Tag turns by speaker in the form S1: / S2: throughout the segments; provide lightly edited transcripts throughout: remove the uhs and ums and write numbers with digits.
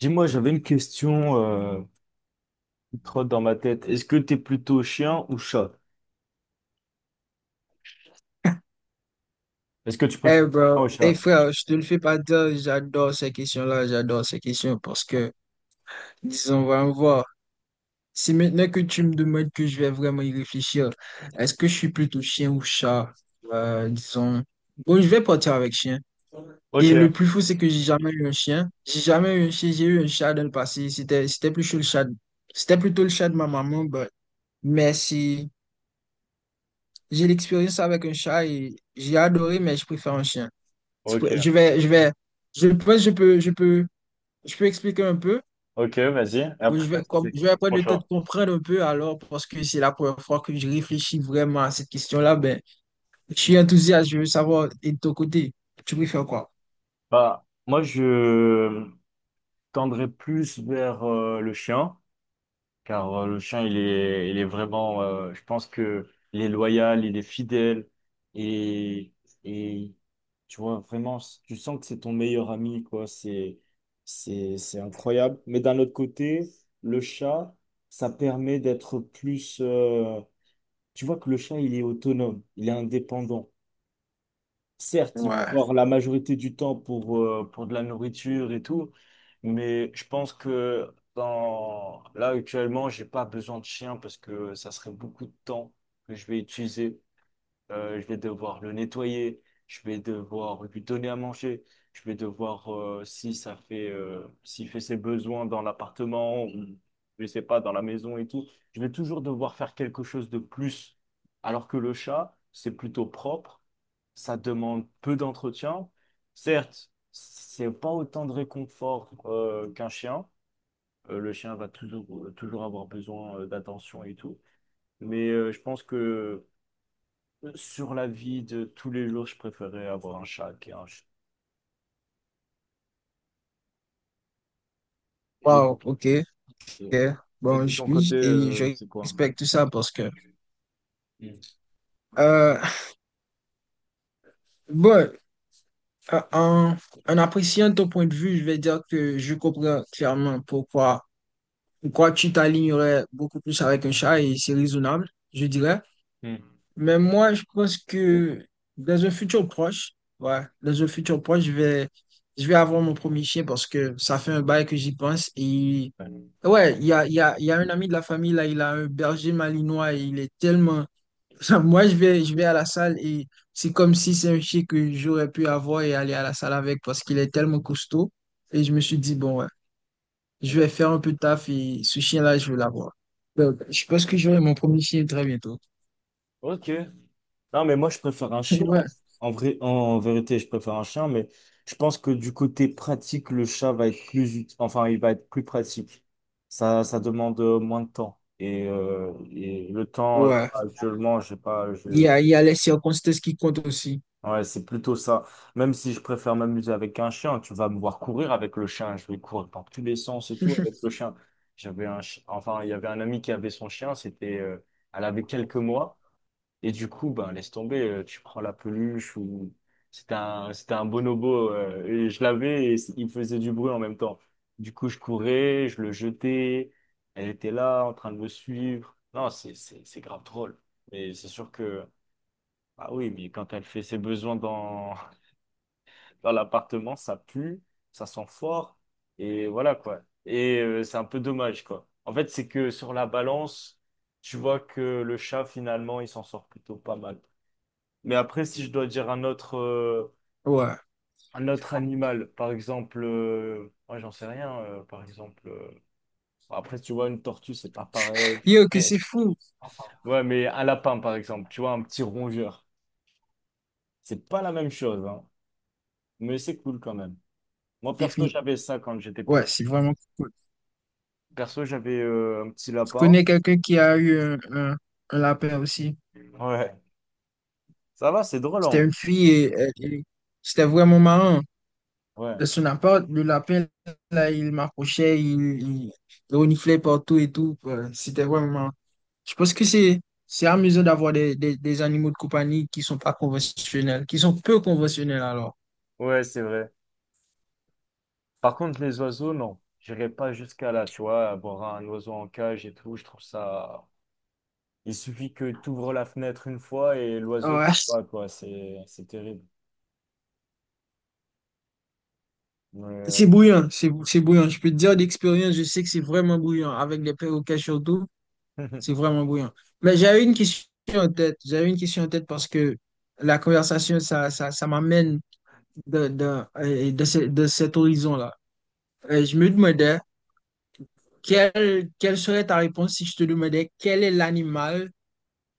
S1: Dis-moi, j'avais une question qui trotte dans ma tête. Est-ce que t'es plutôt chien ou chat? Est-ce que tu préfères
S2: Eh
S1: chien ou
S2: bro,
S1: chat?
S2: eh frère, je te le fais pas dire, j'adore ces questions-là, j'adore ces questions parce que, disons, on va en voir. Si maintenant que tu me demandes que je vais vraiment y réfléchir, est-ce que je suis plutôt chien ou chat? Disons, bon, je vais partir avec chien. Et le
S1: Ok,
S2: plus fou, c'est que j'ai jamais eu un chien. J'ai jamais eu un chien, j'ai eu un chat dans le passé. C'était plus chaud le chat. C'était plutôt le chat de ma maman, mais si j'ai l'expérience avec un chat et j'ai adoré, mais je préfère un chien.
S1: ok,
S2: Je vais, je vais, je pense que je peux. Je peux expliquer un peu?
S1: ok, vas-y. Et
S2: Bon, je
S1: après,
S2: vais,
S1: vas-y, tu
S2: je vais
S1: expliques
S2: prendre
S1: mon
S2: le temps de
S1: chat.
S2: comprendre un peu alors, parce que c'est la première fois que je réfléchis vraiment à cette question-là. Ben, je suis enthousiaste, je veux savoir, et de ton côté, tu préfères quoi?
S1: Bah, moi, je tendrais plus vers le chien, car le chien, il est vraiment, je pense que il est loyal, il est fidèle, et, et tu vois, vraiment, tu sens que c'est ton meilleur ami, quoi, c'est incroyable. Mais d'un autre côté, le chat, ça permet d'être plus, tu vois que le chat, il est autonome, il est indépendant. Certes, il va
S2: Ouais.
S1: avoir la majorité du temps pour de la nourriture et tout, mais je pense que là actuellement, j'ai pas besoin de chien parce que ça serait beaucoup de temps que je vais utiliser. Je vais devoir le nettoyer, je vais devoir lui donner à manger, je vais devoir, si ça fait, s'il fait ses besoins dans l'appartement ou je sais pas, dans la maison et tout, je vais toujours devoir faire quelque chose de plus. Alors que le chat, c'est plutôt propre, ça demande peu d'entretien. Certes, c'est pas autant de réconfort, qu'un chien. Le chien va toujours, toujours avoir besoin, d'attention et tout. Mais, je pense que sur la vie de tous les jours, je préférais avoir un chat qu'un chien. Et,
S2: Wow, ok,
S1: et-
S2: ok.
S1: et
S2: Bon,
S1: de ton côté,
S2: et je
S1: c'est quoi?
S2: respecte tout ça parce que,
S1: Mm.
S2: euh, bon, euh, en, en appréciant ton point de vue, je vais dire que je comprends clairement pourquoi, pourquoi tu t'alignerais beaucoup plus avec un chat et c'est raisonnable, je dirais.
S1: Mm.
S2: Mais moi, je pense que dans un futur proche, ouais, dans un futur proche, je vais avoir mon premier chien parce que ça fait un bail que j'y pense. Et
S1: Ouais.
S2: ouais, il y a un ami de la famille, là, il a un berger malinois et il est tellement. Moi, je vais à la salle et c'est comme si c'est un chien que j'aurais pu avoir et aller à la salle avec parce qu'il est tellement costaud. Et je me suis dit, bon, ouais,
S1: Oui.
S2: je vais faire un peu de taf et ce chien-là, je veux l'avoir. Donc, je pense que j'aurai mon premier chien très bientôt.
S1: Ok. Non, mais moi, je préfère un chien.
S2: Ouais.
S1: En vrai, en vérité, je préfère un chien, mais je pense que du côté pratique, le chat va être plus utile. Enfin, il va être plus pratique. Ça demande moins de temps. Et le temps, là,
S2: Ouais.
S1: actuellement, je sais pas,
S2: Il
S1: j'ai...
S2: y a, il y a les circonstances qui comptent aussi.
S1: Ouais, c'est plutôt ça. Même si je préfère m'amuser avec un chien, tu vas me voir courir avec le chien. Je vais courir par tous les sens et tout avec le chien. Enfin, il y avait un ami qui avait son chien. Elle avait quelques mois. Et du coup, ben, laisse tomber. Tu prends la peluche ou c'était un bonobo. Et je l'avais et il faisait du bruit en même temps. Du coup, je courais, je le jetais. Elle était là en train de me suivre. Non, c'est grave drôle. Mais c'est sûr que, ah oui, mais quand elle fait ses besoins dans l'appartement, ça pue, ça sent fort, et voilà quoi. Et c'est un peu dommage quoi. En fait, c'est que sur la balance, tu vois que le chat finalement, il s'en sort plutôt pas mal. Mais après, si je dois dire
S2: Ouais.
S1: un autre animal, par exemple, ouais, j'en sais rien, bon, après, tu vois, une tortue, c'est pas pareil.
S2: Yo, que
S1: Mais-
S2: c'est fou.
S1: ouais, mais un lapin, par exemple, tu vois, un petit rongeur, c'est pas la même chose, hein. Mais c'est cool quand même. Moi, perso,
S2: Défini.
S1: j'avais ça quand j'étais plus
S2: Ouais, c'est
S1: petit.
S2: vraiment cool.
S1: Perso, j'avais un petit
S2: Je
S1: lapin.
S2: connais quelqu'un qui a eu un lapin aussi.
S1: Ouais. Ça va, c'est drôle, en
S2: C'était
S1: vrai.
S2: une fille et, et c'était vraiment marrant.
S1: Ouais.
S2: De son appart, le lapin, là, il m'approchait, il, il reniflait partout et tout. Ouais, c'était vraiment marrant. Je pense que c'est amusant d'avoir des animaux de compagnie qui sont pas conventionnels, qui sont peu conventionnels alors.
S1: Ouais, c'est vrai. Par contre, les oiseaux, non. J'irai pas jusqu'à là, tu vois, avoir un oiseau en cage et tout, je trouve ça... Il suffit que tu ouvres la fenêtre une fois et l'oiseau qui
S2: Ouais.
S1: va, quoi. C'est terrible.
S2: C'est
S1: Mais...
S2: bouillant, c'est bouillant. Je peux te dire d'expérience, je sais que c'est vraiment bouillant. Avec les perroquets surtout, c'est vraiment bouillant. Mais j'avais une question en tête. J'avais une question en tête parce que la conversation, ça m'amène de cet horizon-là. Je me demandais, quelle serait ta réponse si je te demandais quel est l'animal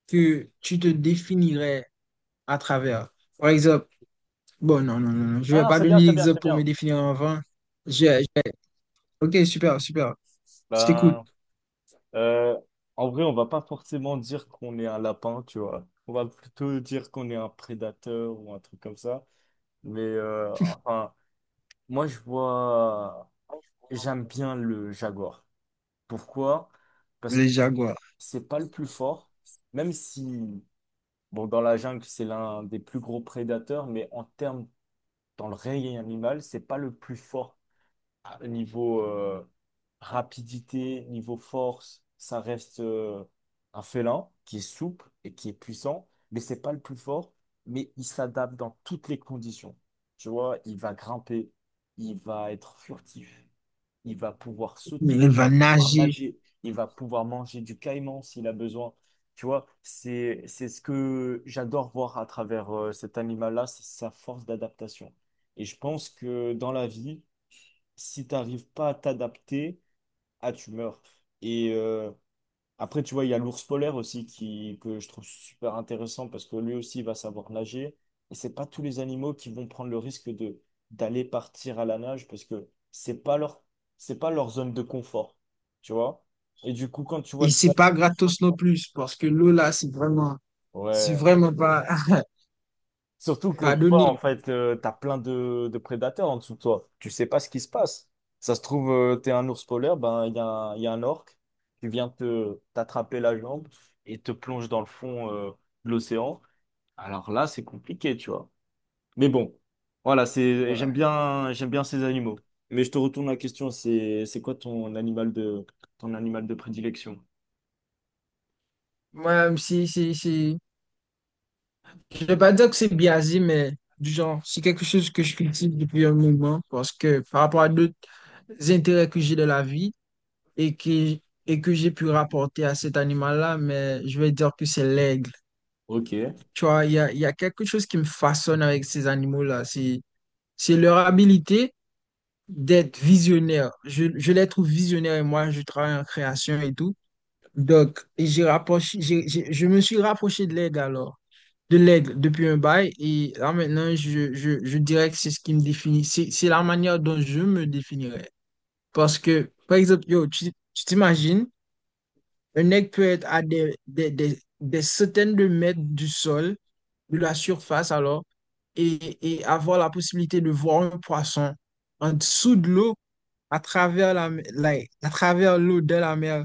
S2: que tu te définirais à travers? Par exemple, bon, non, non, non, non, je
S1: Ah
S2: vais
S1: non,
S2: pas
S1: c'est bien,
S2: donner
S1: c'est bien,
S2: l'exemple
S1: c'est
S2: pour me
S1: bien.
S2: définir avant. Je- je- ok, super, super. Je t'écoute.
S1: Ben, euh, en vrai, on va pas forcément dire qu'on est un lapin, tu vois. On va plutôt dire qu'on est un prédateur ou un truc comme ça. Mais euh, enfin, Moi, je vois, j'aime bien le Jaguar. Pourquoi? Parce que
S2: Les Jaguars.
S1: c'est pas le plus fort, même si, bon, dans la jungle, c'est l'un des plus gros prédateurs, mais en termes, dans le règne animal, c'est pas le plus fort niveau rapidité, niveau force. Ça reste un félin qui est souple et qui est puissant, mais c'est pas le plus fort, mais il s'adapte dans toutes les conditions. Tu vois, il va grimper, il va être furtif, il va pouvoir sauter,
S2: Il
S1: il va
S2: va
S1: pouvoir
S2: nager.
S1: nager, il va pouvoir manger du caïman s'il a besoin. Tu vois, c'est ce que j'adore voir à travers cet animal-là, c'est sa force d'adaptation. Et je pense que dans la vie, si tu n'arrives pas à t'adapter, ah, tu meurs. Et, après, tu vois, il y a l'ours polaire aussi qui, que je trouve super intéressant parce que lui aussi va savoir nager. Et c'est pas tous les animaux qui vont prendre le risque de d'aller partir à la nage parce que c'est pas leur zone de confort, tu vois. Et du coup, quand tu vois
S2: Et
S1: le-
S2: c'est pas gratos non plus, parce que l'eau là, c'est
S1: Ouais,
S2: vraiment pas,
S1: surtout que
S2: pas
S1: tu vois en
S2: donné.
S1: fait, t'as plein de prédateurs en dessous de toi. Tu sais pas ce qui se passe. Ça se trouve, t'es un ours polaire, ben il y a un orque qui vient te t'attraper la jambe et te plonge dans le fond de l'océan. Alors là, c'est compliqué, tu vois. Mais bon, voilà, c'est,
S2: Ouais.
S1: j'aime bien ces animaux. Mais je te retourne la question, c'est quoi ton animal de prédilection?
S2: Moi, si, si, si. Je vais pas dire que c'est biaisé, mais du genre, c'est quelque chose que je cultive depuis un moment, parce que par rapport à d'autres intérêts que j'ai de la vie et que, et que j'ai pu rapporter à cet animal-là, mais je vais dire que c'est l'aigle.
S1: Ok.
S2: Tu vois, il y a quelque chose qui me façonne avec ces animaux-là. C'est leur habilité d'être visionnaire. Je les trouve visionnaires et moi, je travaille en création et tout. Donc, et j'ai rapproché, j'ai- je me suis rapproché de l'aigle alors, de l'aigle depuis un bail. Et là maintenant, je dirais que c'est ce qui me définit. C'est la manière dont je me définirais. Parce que, par exemple, yo, tu t'imagines, un aigle peut être à des centaines de mètres du sol, de la surface alors, et avoir la possibilité de voir un poisson en dessous de l'eau à travers la- à travers l'eau de la mer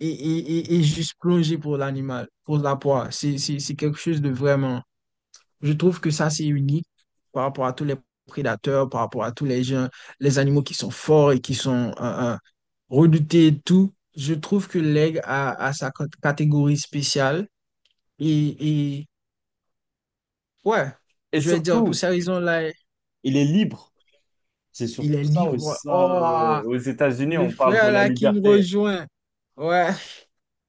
S2: et juste plonger pour l'animal, pour la proie. C'est quelque chose de vraiment. Je trouve que ça, c'est unique par rapport à tous les prédateurs, par rapport à tous les gens, les animaux qui sont forts et qui sont redoutés et tout. Je trouve que l'aigle a, a sa catégorie spéciale. Et ouais,
S1: Et
S2: je vais dire, pour
S1: surtout,
S2: ces raisons-là,
S1: il est libre. C'est
S2: il
S1: surtout
S2: est
S1: ça,
S2: libre. Oh,
S1: aux États-Unis,
S2: le
S1: on parle de
S2: frère
S1: la
S2: là qui me
S1: liberté.
S2: rejoint. Ouais.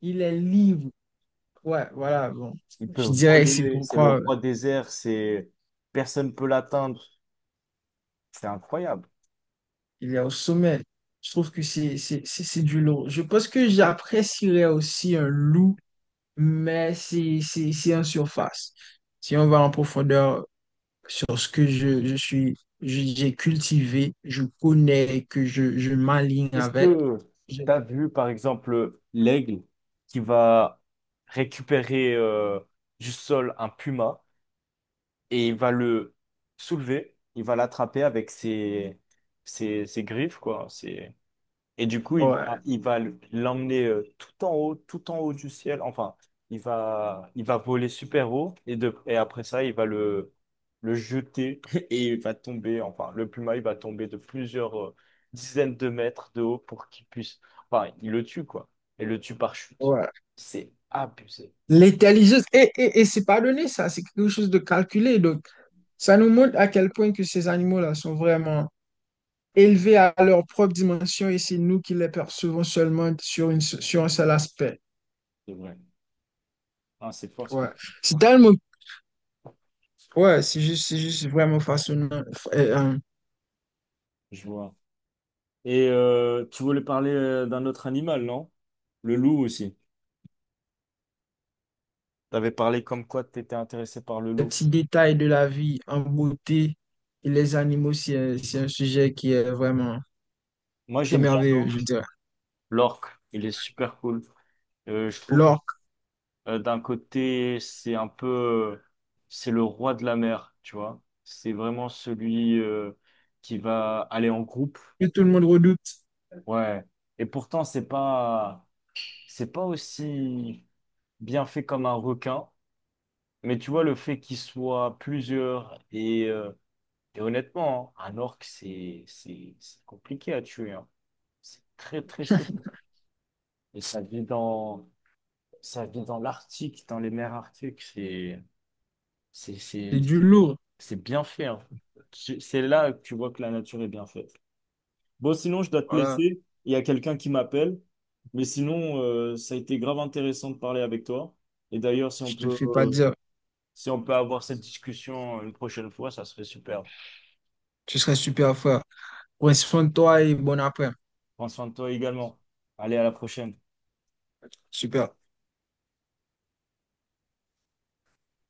S2: Il est libre. Ouais, voilà, bon.
S1: Il peut
S2: Je dirais que c'est
S1: voler, c'est le
S2: pourquoi
S1: roi des airs, c'est, personne peut l'atteindre. C'est incroyable.
S2: il est au sommet. Je trouve que c'est du lourd. Je pense que j'apprécierais aussi un loup, mais c'est en surface. Si on va en profondeur sur ce que je suis, j'ai cultivé, je connais, que je m'aligne
S1: Est-ce
S2: avec,
S1: que
S2: je-
S1: tu as vu, par exemple, l'aigle qui va récupérer du sol un puma et il va le soulever, il va l'attraper avec ses griffes, quoi. C'est Et du coup,
S2: ouais,
S1: il va l'emmener tout en haut du ciel. Enfin, il va voler super haut et, et après ça, le jeter et il va tomber. Enfin, le pluma, il va tomber de plusieurs dizaines de mètres de haut pour qu'il puisse. Enfin, il le tue, quoi. Et le tue par chute.
S2: ouais.
S1: C'est abusé.
S2: L'intelligence, et c'est pas donné ça, c'est quelque chose de calculé. Donc, ça nous montre à quel point que ces animaux-là sont vraiment élevés à leur propre dimension et c'est nous qui les percevons seulement sur, une, sur un seul aspect.
S1: C'est vrai. Ah, c'est fort ce que
S2: Ouais. C'est tellement, ouais, c'est juste vraiment fascinant. Euh, euh,
S1: je vois. Et tu voulais parler d'un autre animal, non? Le loup aussi. T'avais parlé comme quoi t'étais intéressé par le
S2: les
S1: loup.
S2: petits détails de la vie en beauté et les animaux, c'est un sujet qui est vraiment
S1: Moi, j'aime bien
S2: émerveilleux, je dirais.
S1: l'orque. Il est super cool. Je trouve,
S2: L'orque,
S1: d'un côté, c'est un peu, c'est le roi de la mer, tu vois. C'est vraiment celui qui va aller en groupe,
S2: que tout le monde redoute,
S1: ouais. Et pourtant, c'est pas aussi bien fait comme un requin. Mais tu vois, le fait qu'il soit plusieurs et honnêtement, hein, un orque, c'est compliqué à tuer, hein. C'est très, très souple. Et ça vit dans Ça vit dans l'Arctique, dans les mers arctiques. C'est,
S2: c'est
S1: c'est,
S2: du lourd.
S1: c'est bien fait, hein. C'est là que tu vois que la nature est bien faite. Bon, sinon, je dois te
S2: Voilà,
S1: laisser. Il y a quelqu'un qui m'appelle. Mais sinon, ça a été grave intéressant de parler avec toi. Et d'ailleurs, si on
S2: je te le
S1: peut,
S2: fais pas dire.
S1: si on peut avoir cette discussion une prochaine fois, ça serait super.
S2: Tu serais super fort. Prends soin de toi et bon après.
S1: Prends soin de toi également. Allez, à la prochaine.
S2: Super.